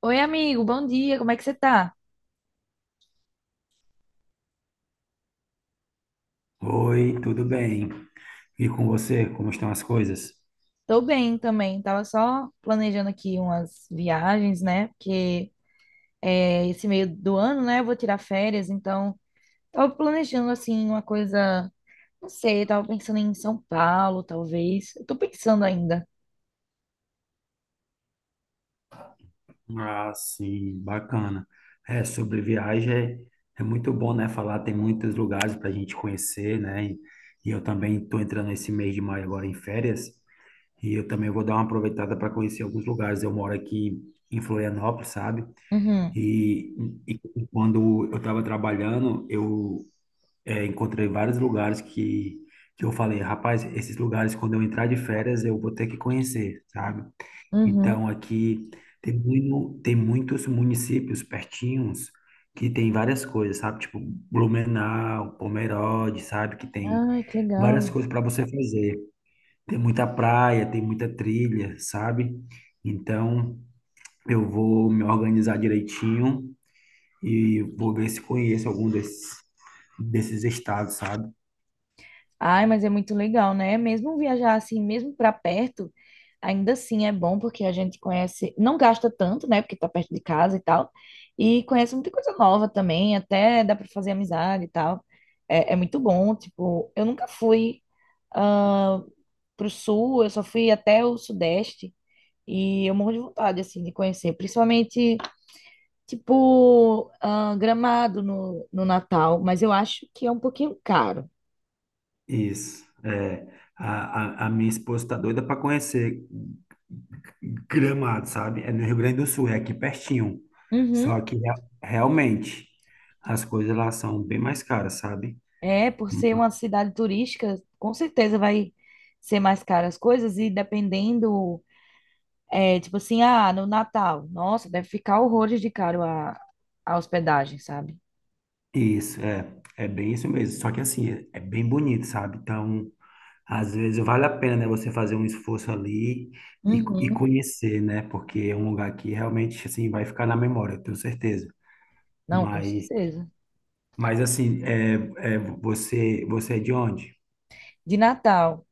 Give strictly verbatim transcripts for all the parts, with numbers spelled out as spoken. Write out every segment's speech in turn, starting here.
Oi, amigo, bom dia, como é que você tá? Oi, tudo bem? E com você, como estão as coisas? Tô bem também, tava só planejando aqui umas viagens, né? Porque é, esse meio do ano, né, eu vou tirar férias, então tava planejando, assim, uma coisa, não sei, tava pensando em São Paulo, talvez. Eu tô pensando ainda. Ah, sim, bacana. É, sobre viagem é, é muito bom, né? Falar, tem muitos lugares para a gente conhecer, né? E, e eu também estou entrando esse mês de maio agora em férias e eu também vou dar uma aproveitada para conhecer alguns lugares. Eu moro aqui em Florianópolis, sabe? Uhum, E, e quando eu estava trabalhando, eu É, encontrei vários lugares que, que eu falei, rapaz, esses lugares, quando eu entrar de férias, eu vou ter que conhecer, sabe? uhum. Então, aqui tem, muito, tem muitos municípios pertinhos que tem várias coisas, sabe? Tipo Blumenau, Pomerode, sabe? Que tem Ai, que várias legal. coisas para você fazer. Tem muita praia, tem muita trilha, sabe? Então, eu vou me organizar direitinho e vou ver se conheço algum desses, desses estados, sabe? Ai, mas é muito legal, né? Mesmo viajar assim, mesmo para perto, ainda assim é bom porque a gente conhece, não gasta tanto, né? Porque tá perto de casa e tal, e conhece muita coisa nova também, até dá para fazer amizade e tal. É, é muito bom, tipo, eu nunca fui ah, pro sul, eu só fui até o sudeste e eu morro de vontade assim de conhecer, principalmente tipo ah, Gramado no, no Natal, mas eu acho que é um pouquinho caro. Isso. É, a, a, a minha esposa tá doida para conhecer Gramado, sabe? É no Rio Grande do Sul, é aqui pertinho. Uhum. Só que rea- realmente as coisas lá são bem mais caras, sabe? É, por ser uma cidade turística, com certeza vai ser mais caro as coisas e dependendo, é, tipo assim, ah, no Natal, nossa, deve ficar horrores de caro a, a hospedagem, sabe? Isso, é, é bem isso mesmo. Só que assim, é é bem bonito, sabe? Então, às vezes vale a pena, né, você fazer um esforço ali e, e Uhum. conhecer, né? Porque é um lugar que realmente assim vai ficar na memória, eu tenho certeza. Não, com Mas, certeza. mas assim, é, é, você, você é de onde? De Natal,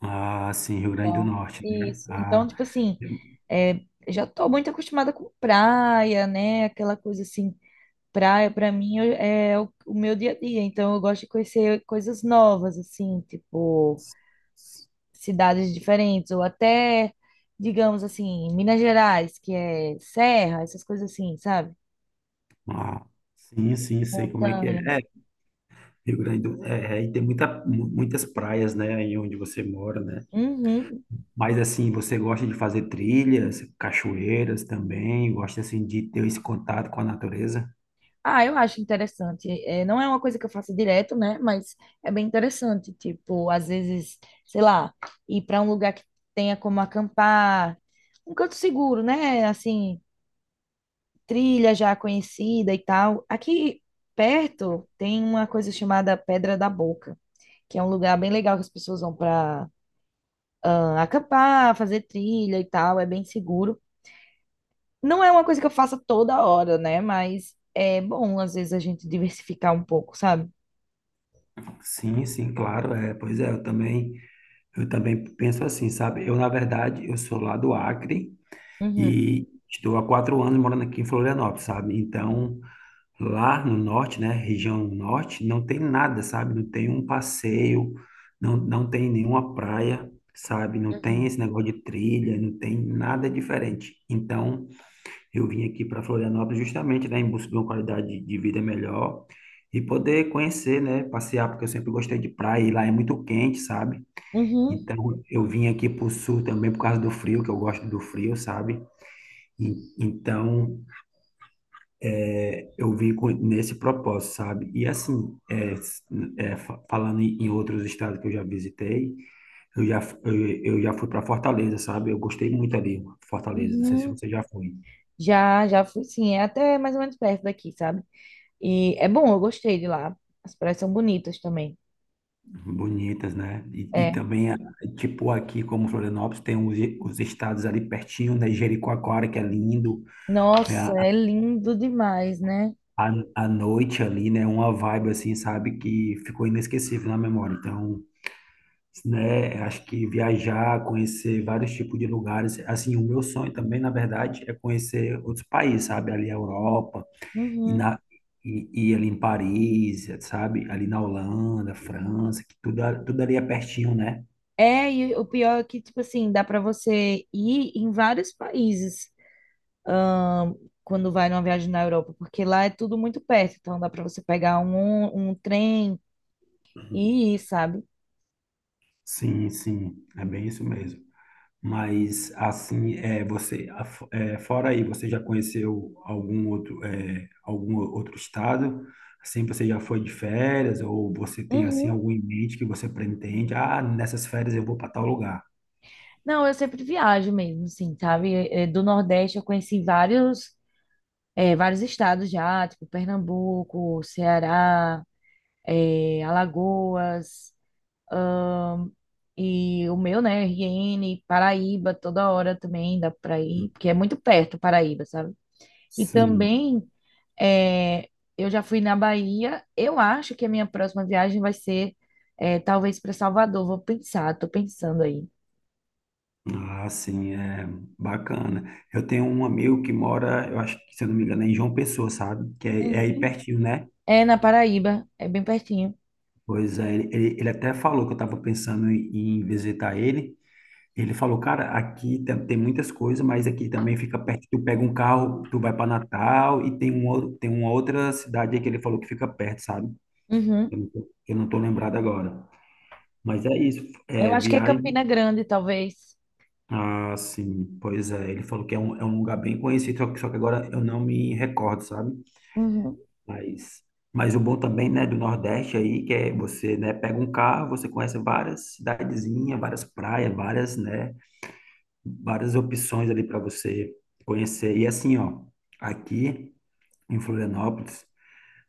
Ah, sim, Rio Grande do então, Norte, né? isso. Então, Ah, tipo assim, eu- é, já tô muito acostumada com praia, né? Aquela coisa assim, praia pra mim eu- é o, o meu dia a dia, então eu gosto de conhecer coisas novas, assim, tipo cidades diferentes, ou até, digamos assim, Minas Gerais, que é serra, essas coisas assim, sabe? ah, sim, sim, sei como é que Montanha. é. É, Rio Grande do, é, é, e tem muita, mu- muitas praias, né, aí onde você mora, né? Uhum. Mas assim, você gosta de fazer trilhas, cachoeiras também, gosta assim de ter esse contato com a natureza? Ah, eu acho interessante. É, não é uma coisa que eu faço direto, né? Mas é bem interessante. Tipo, às vezes, sei lá, ir para um lugar que tenha como acampar, um canto seguro, né? Assim, trilha já conhecida e tal. Aqui perto tem uma coisa chamada Pedra da Boca, que é um lugar bem legal que as pessoas vão para acampar, fazer trilha e tal, é bem seguro. Não é uma coisa que eu faça toda hora, né? Mas é bom, às vezes, a gente diversificar um pouco, sabe? Sim, sim, claro, é. Pois é, eu também, eu também penso assim, sabe? Eu, na verdade, eu sou lá do Acre Uhum, e estou há quatro anos morando aqui em Florianópolis, sabe? Então, lá no norte, né, região norte, não tem nada, sabe? Não tem um passeio, não, não tem nenhuma praia, sabe? Não tem uhum, esse negócio de trilha, não tem nada diferente. Então, eu vim aqui para Florianópolis justamente, né, em busca de uma qualidade de vida melhor e poder conhecer, né, passear, porque eu sempre gostei de praia e lá é muito quente, sabe? uhum, Então, eu vim aqui para o sul também por causa do frio, que eu gosto do frio, sabe? E- Então, eu vim com- nesse propósito, sabe? E assim, é, s- é, fa- falando em em outros estados que eu já visitei, eu já, f- eu, eu já fui para Fortaleza, sabe? Eu gostei muito ali, Fortaleza. Não sei se uhum. você já foi. Já, já fui, sim, é até mais ou menos perto daqui, sabe? E é bom, eu gostei de lá. As praias são bonitas também. Bonitas, né? E, e É. também, a- tipo, aqui como Florianópolis, tem os, os estados ali pertinho, né? Jericoacoara, que é lindo. É, Nossa, a, é lindo demais, né? a a noite ali, né? Uma vibe assim, sabe? Que ficou inesquecível na memória. Então, né? Acho que viajar, conhecer vários tipos de lugares. Assim, o meu sonho também, na verdade, é conhecer outros países, sabe? Ali a Europa e Uhum. na e, e ali em Paris, sabe? Ali na Holanda, França, que tudo, a- tudo ali é pertinho, né? É, e o pior é que, tipo assim, dá pra você ir em vários países. Quando vai numa viagem na Europa, porque lá é tudo muito perto, então dá para você pegar um, um trem e ir, sabe? Sim, sim, é bem isso mesmo. Mas assim, é, você, a- é, fora aí, você já conheceu algum outro, é, algum outro estado? Assim, você já foi de férias ou você tem assim Uhum. algum em mente que você pretende? Ah, nessas férias eu vou para tal lugar. Não, eu sempre viajo mesmo, assim, sabe? Eh, Do Nordeste eu conheci vários, eh, vários estados já, tipo Pernambuco, Ceará, eh, Alagoas, e o meu, né, R N, Paraíba, toda hora também dá pra ir, porque é muito perto Paraíba, sabe? E Sim. também é, eu já fui na Bahia. Eu acho que a minha próxima viagem vai ser é, talvez para Salvador. Vou pensar, tô pensando aí. Ah, sim, é bacana. Eu tenho um amigo que mora, eu acho que, se eu não me engano, é em João Pessoa, sabe? Que é, é aí Uhum. pertinho, né? É na Paraíba, é bem pertinho. Pois é, ele, ele ele até falou que eu estava pensando em, em visitar ele. Ele falou, cara, aqui tem, tem muitas coisas, mas aqui também fica perto. Tu pega um carro, tu vai para Natal e tem, um, outro- tem uma outra cidade aí que ele falou que fica perto, sabe? Uhum. Eu não tô, eu não tô lembrado agora. Mas é isso, Eu é, acho que é viagem. Campina Grande, talvez. Ah, sim, pois é. Ele falou que é um, é um lugar bem conhecido, só que, só que agora eu não me recordo, sabe? Uhum. Mas, mas o bom também, né, do Nordeste aí, que é você, né, pega um carro, você conhece várias cidadezinhas, várias praias, várias, né, várias opções ali para você conhecer. E assim, ó, aqui em Florianópolis,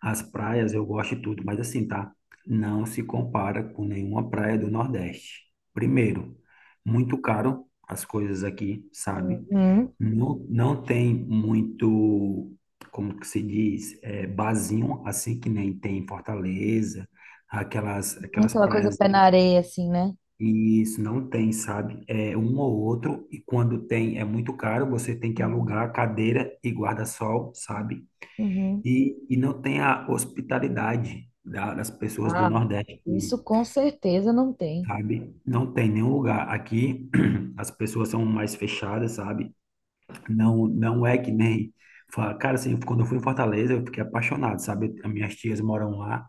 as praias eu gosto de tudo, mas assim, tá? Não se compara com nenhuma praia do Nordeste. Primeiro, muito caro as coisas aqui, sabe? Uhum. Não, não tem muito, como que se diz, é, barzinho, assim que nem tem em Fortaleza, aquelas, aquelas Aquela coisa praias, pé na areia, assim, né? e isso não tem, sabe? É um ou outro, e quando tem é muito caro, você tem que Uhum. alugar cadeira e guarda-sol, sabe? Uhum. E, e não tem a hospitalidade da- das pessoas do Ah, Nordeste, isso com certeza não tem. sabe? Não tem nenhum lugar. Aqui as pessoas são mais fechadas, sabe? Não, não é que nem. fa- Cara, assim, quando eu fui em Fortaleza, eu fiquei apaixonado, sabe? As minhas tias moram lá.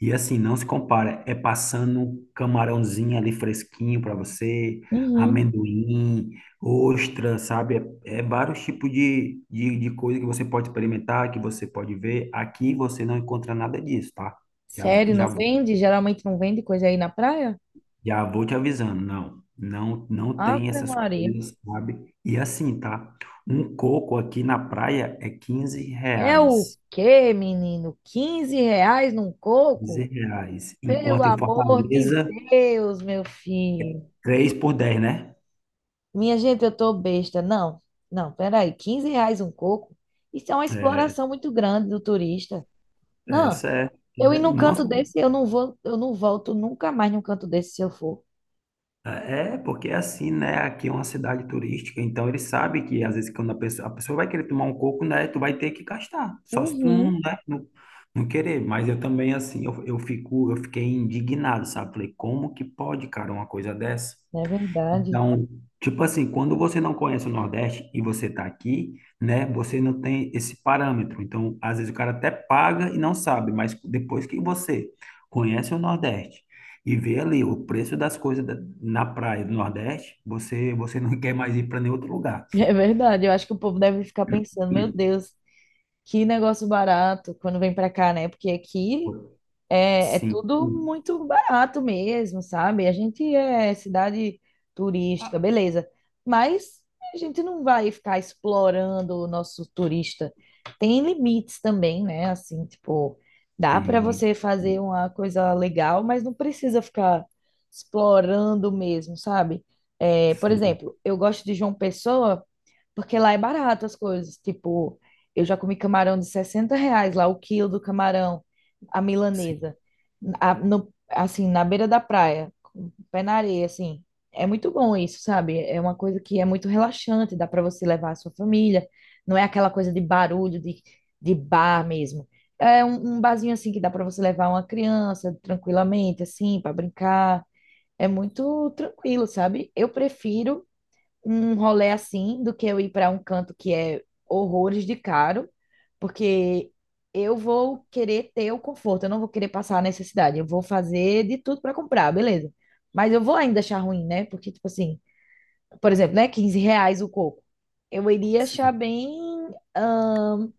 E assim, não se compara. É passando um camarãozinho ali fresquinho para você, Uhum. amendoim, ostra, sabe? É, é vários tipos de, de, de coisa que você pode experimentar, que você pode ver. Aqui você não encontra nada disso, tá? Já, Sério, não já vende? Geralmente não vende coisa aí na praia? já vou te avisando, não, não, não tem Ave essas Maria. coisas, sabe? E assim, tá? Um coco aqui na praia é quinze É o reais, quê, menino? Quinze reais num quinze coco? reais, Pelo enquanto em amor de Fortaleza, Deus, meu filho. três por dez né? Minha gente, eu tô besta. Não, não, peraí. Quinze reais um coco? Isso é uma É, exploração muito grande do turista. Não, Essa é, eu ir é num não só canto desse, eu não vou, eu não volto nunca mais num canto desse se eu for. Ah, É, porque é assim, né? Aqui é uma cidade turística, então ele sabe que às vezes quando a pessoa, a pessoa vai querer tomar um coco, né? Tu vai ter que gastar, só se tu não, Uhum. né, não, não querer. Mas eu também, assim, eu, eu fico, eu fiquei indignado, sabe? Falei, como que pode, cara, uma coisa dessa? É verdade. Então, tipo assim, quando você não conhece o Nordeste e você está aqui, né, você não tem esse parâmetro. Então, às vezes o cara até paga e não sabe, mas depois que você conhece o Nordeste e vê ali o preço das coisas da- na praia do Nordeste, você você não quer mais ir para nenhum outro lugar. É verdade. Eu acho que o povo deve ficar pensando, meu Deus, que negócio barato quando vem pra cá, né? Porque aqui é, é Sim. tudo muito barato mesmo, sabe? A gente é cidade turística, Ah, beleza. Mas a gente não vai ficar explorando o nosso turista. Tem limites também, né? Assim, tipo, dá para sim, você fazer uma coisa legal, mas não precisa ficar explorando mesmo, sabe? É, por sim, exemplo, eu gosto de João Pessoa porque lá é barato as coisas. Tipo, eu já comi camarão de sessenta reais lá, o quilo do camarão, a milanesa. A- no- assim, na beira da praia, com o pé na areia, assim. É muito bom isso, sabe? É uma coisa que é muito relaxante, dá para você levar a sua família. Não é aquela coisa de barulho, de, de bar mesmo. É um, um barzinho assim que dá para você levar uma criança tranquilamente, assim, para brincar. É muito tranquilo, sabe? Eu prefiro um rolê assim do que eu ir para um canto que é horrores de caro, porque eu vou querer ter o conforto, eu não vou querer passar a necessidade, eu vou fazer de tudo para comprar, beleza. Mas eu vou ainda achar ruim, né? Porque, tipo assim, por exemplo, né? Quinze reais o coco. Eu iria achar sim. bem. ahn,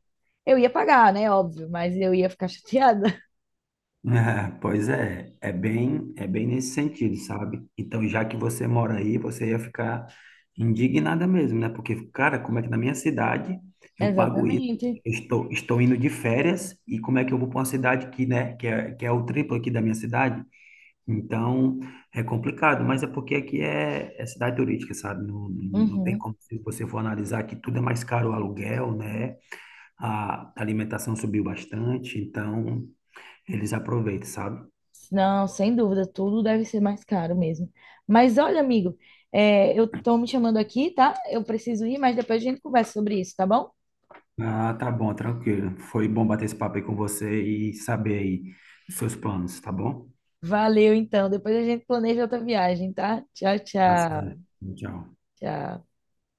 eu ia pagar, né? Óbvio, mas eu ia ficar chateada. É, pois é, é bem, é bem nesse sentido, sabe? Então, já que você mora aí, você ia ficar indignada mesmo, né? Porque, cara, como é que na minha cidade eu pago isso? Exatamente. Eu Estou, estou indo de férias e como é que eu vou para uma cidade que, né, que é, que é o triplo aqui da minha cidade? Então, é complicado, mas é porque aqui é, é cidade turística, sabe? Não, não, não tem Uhum. como, se você for analisar que tudo é mais caro o aluguel, né? A alimentação subiu bastante, então eles aproveitam, sabe? Não, sem dúvida, tudo deve ser mais caro mesmo. Mas olha, amigo, é, eu tô me chamando aqui, tá? Eu preciso ir, mas depois a gente conversa sobre isso, tá bom? Ah, tá bom, tranquilo. Foi bom bater esse papo aí com você e saber aí os seus planos, tá bom? Valeu, então. Depois a gente planeja outra viagem, tá? Tchau, Tá tchau. certo. Tchau. Tchau.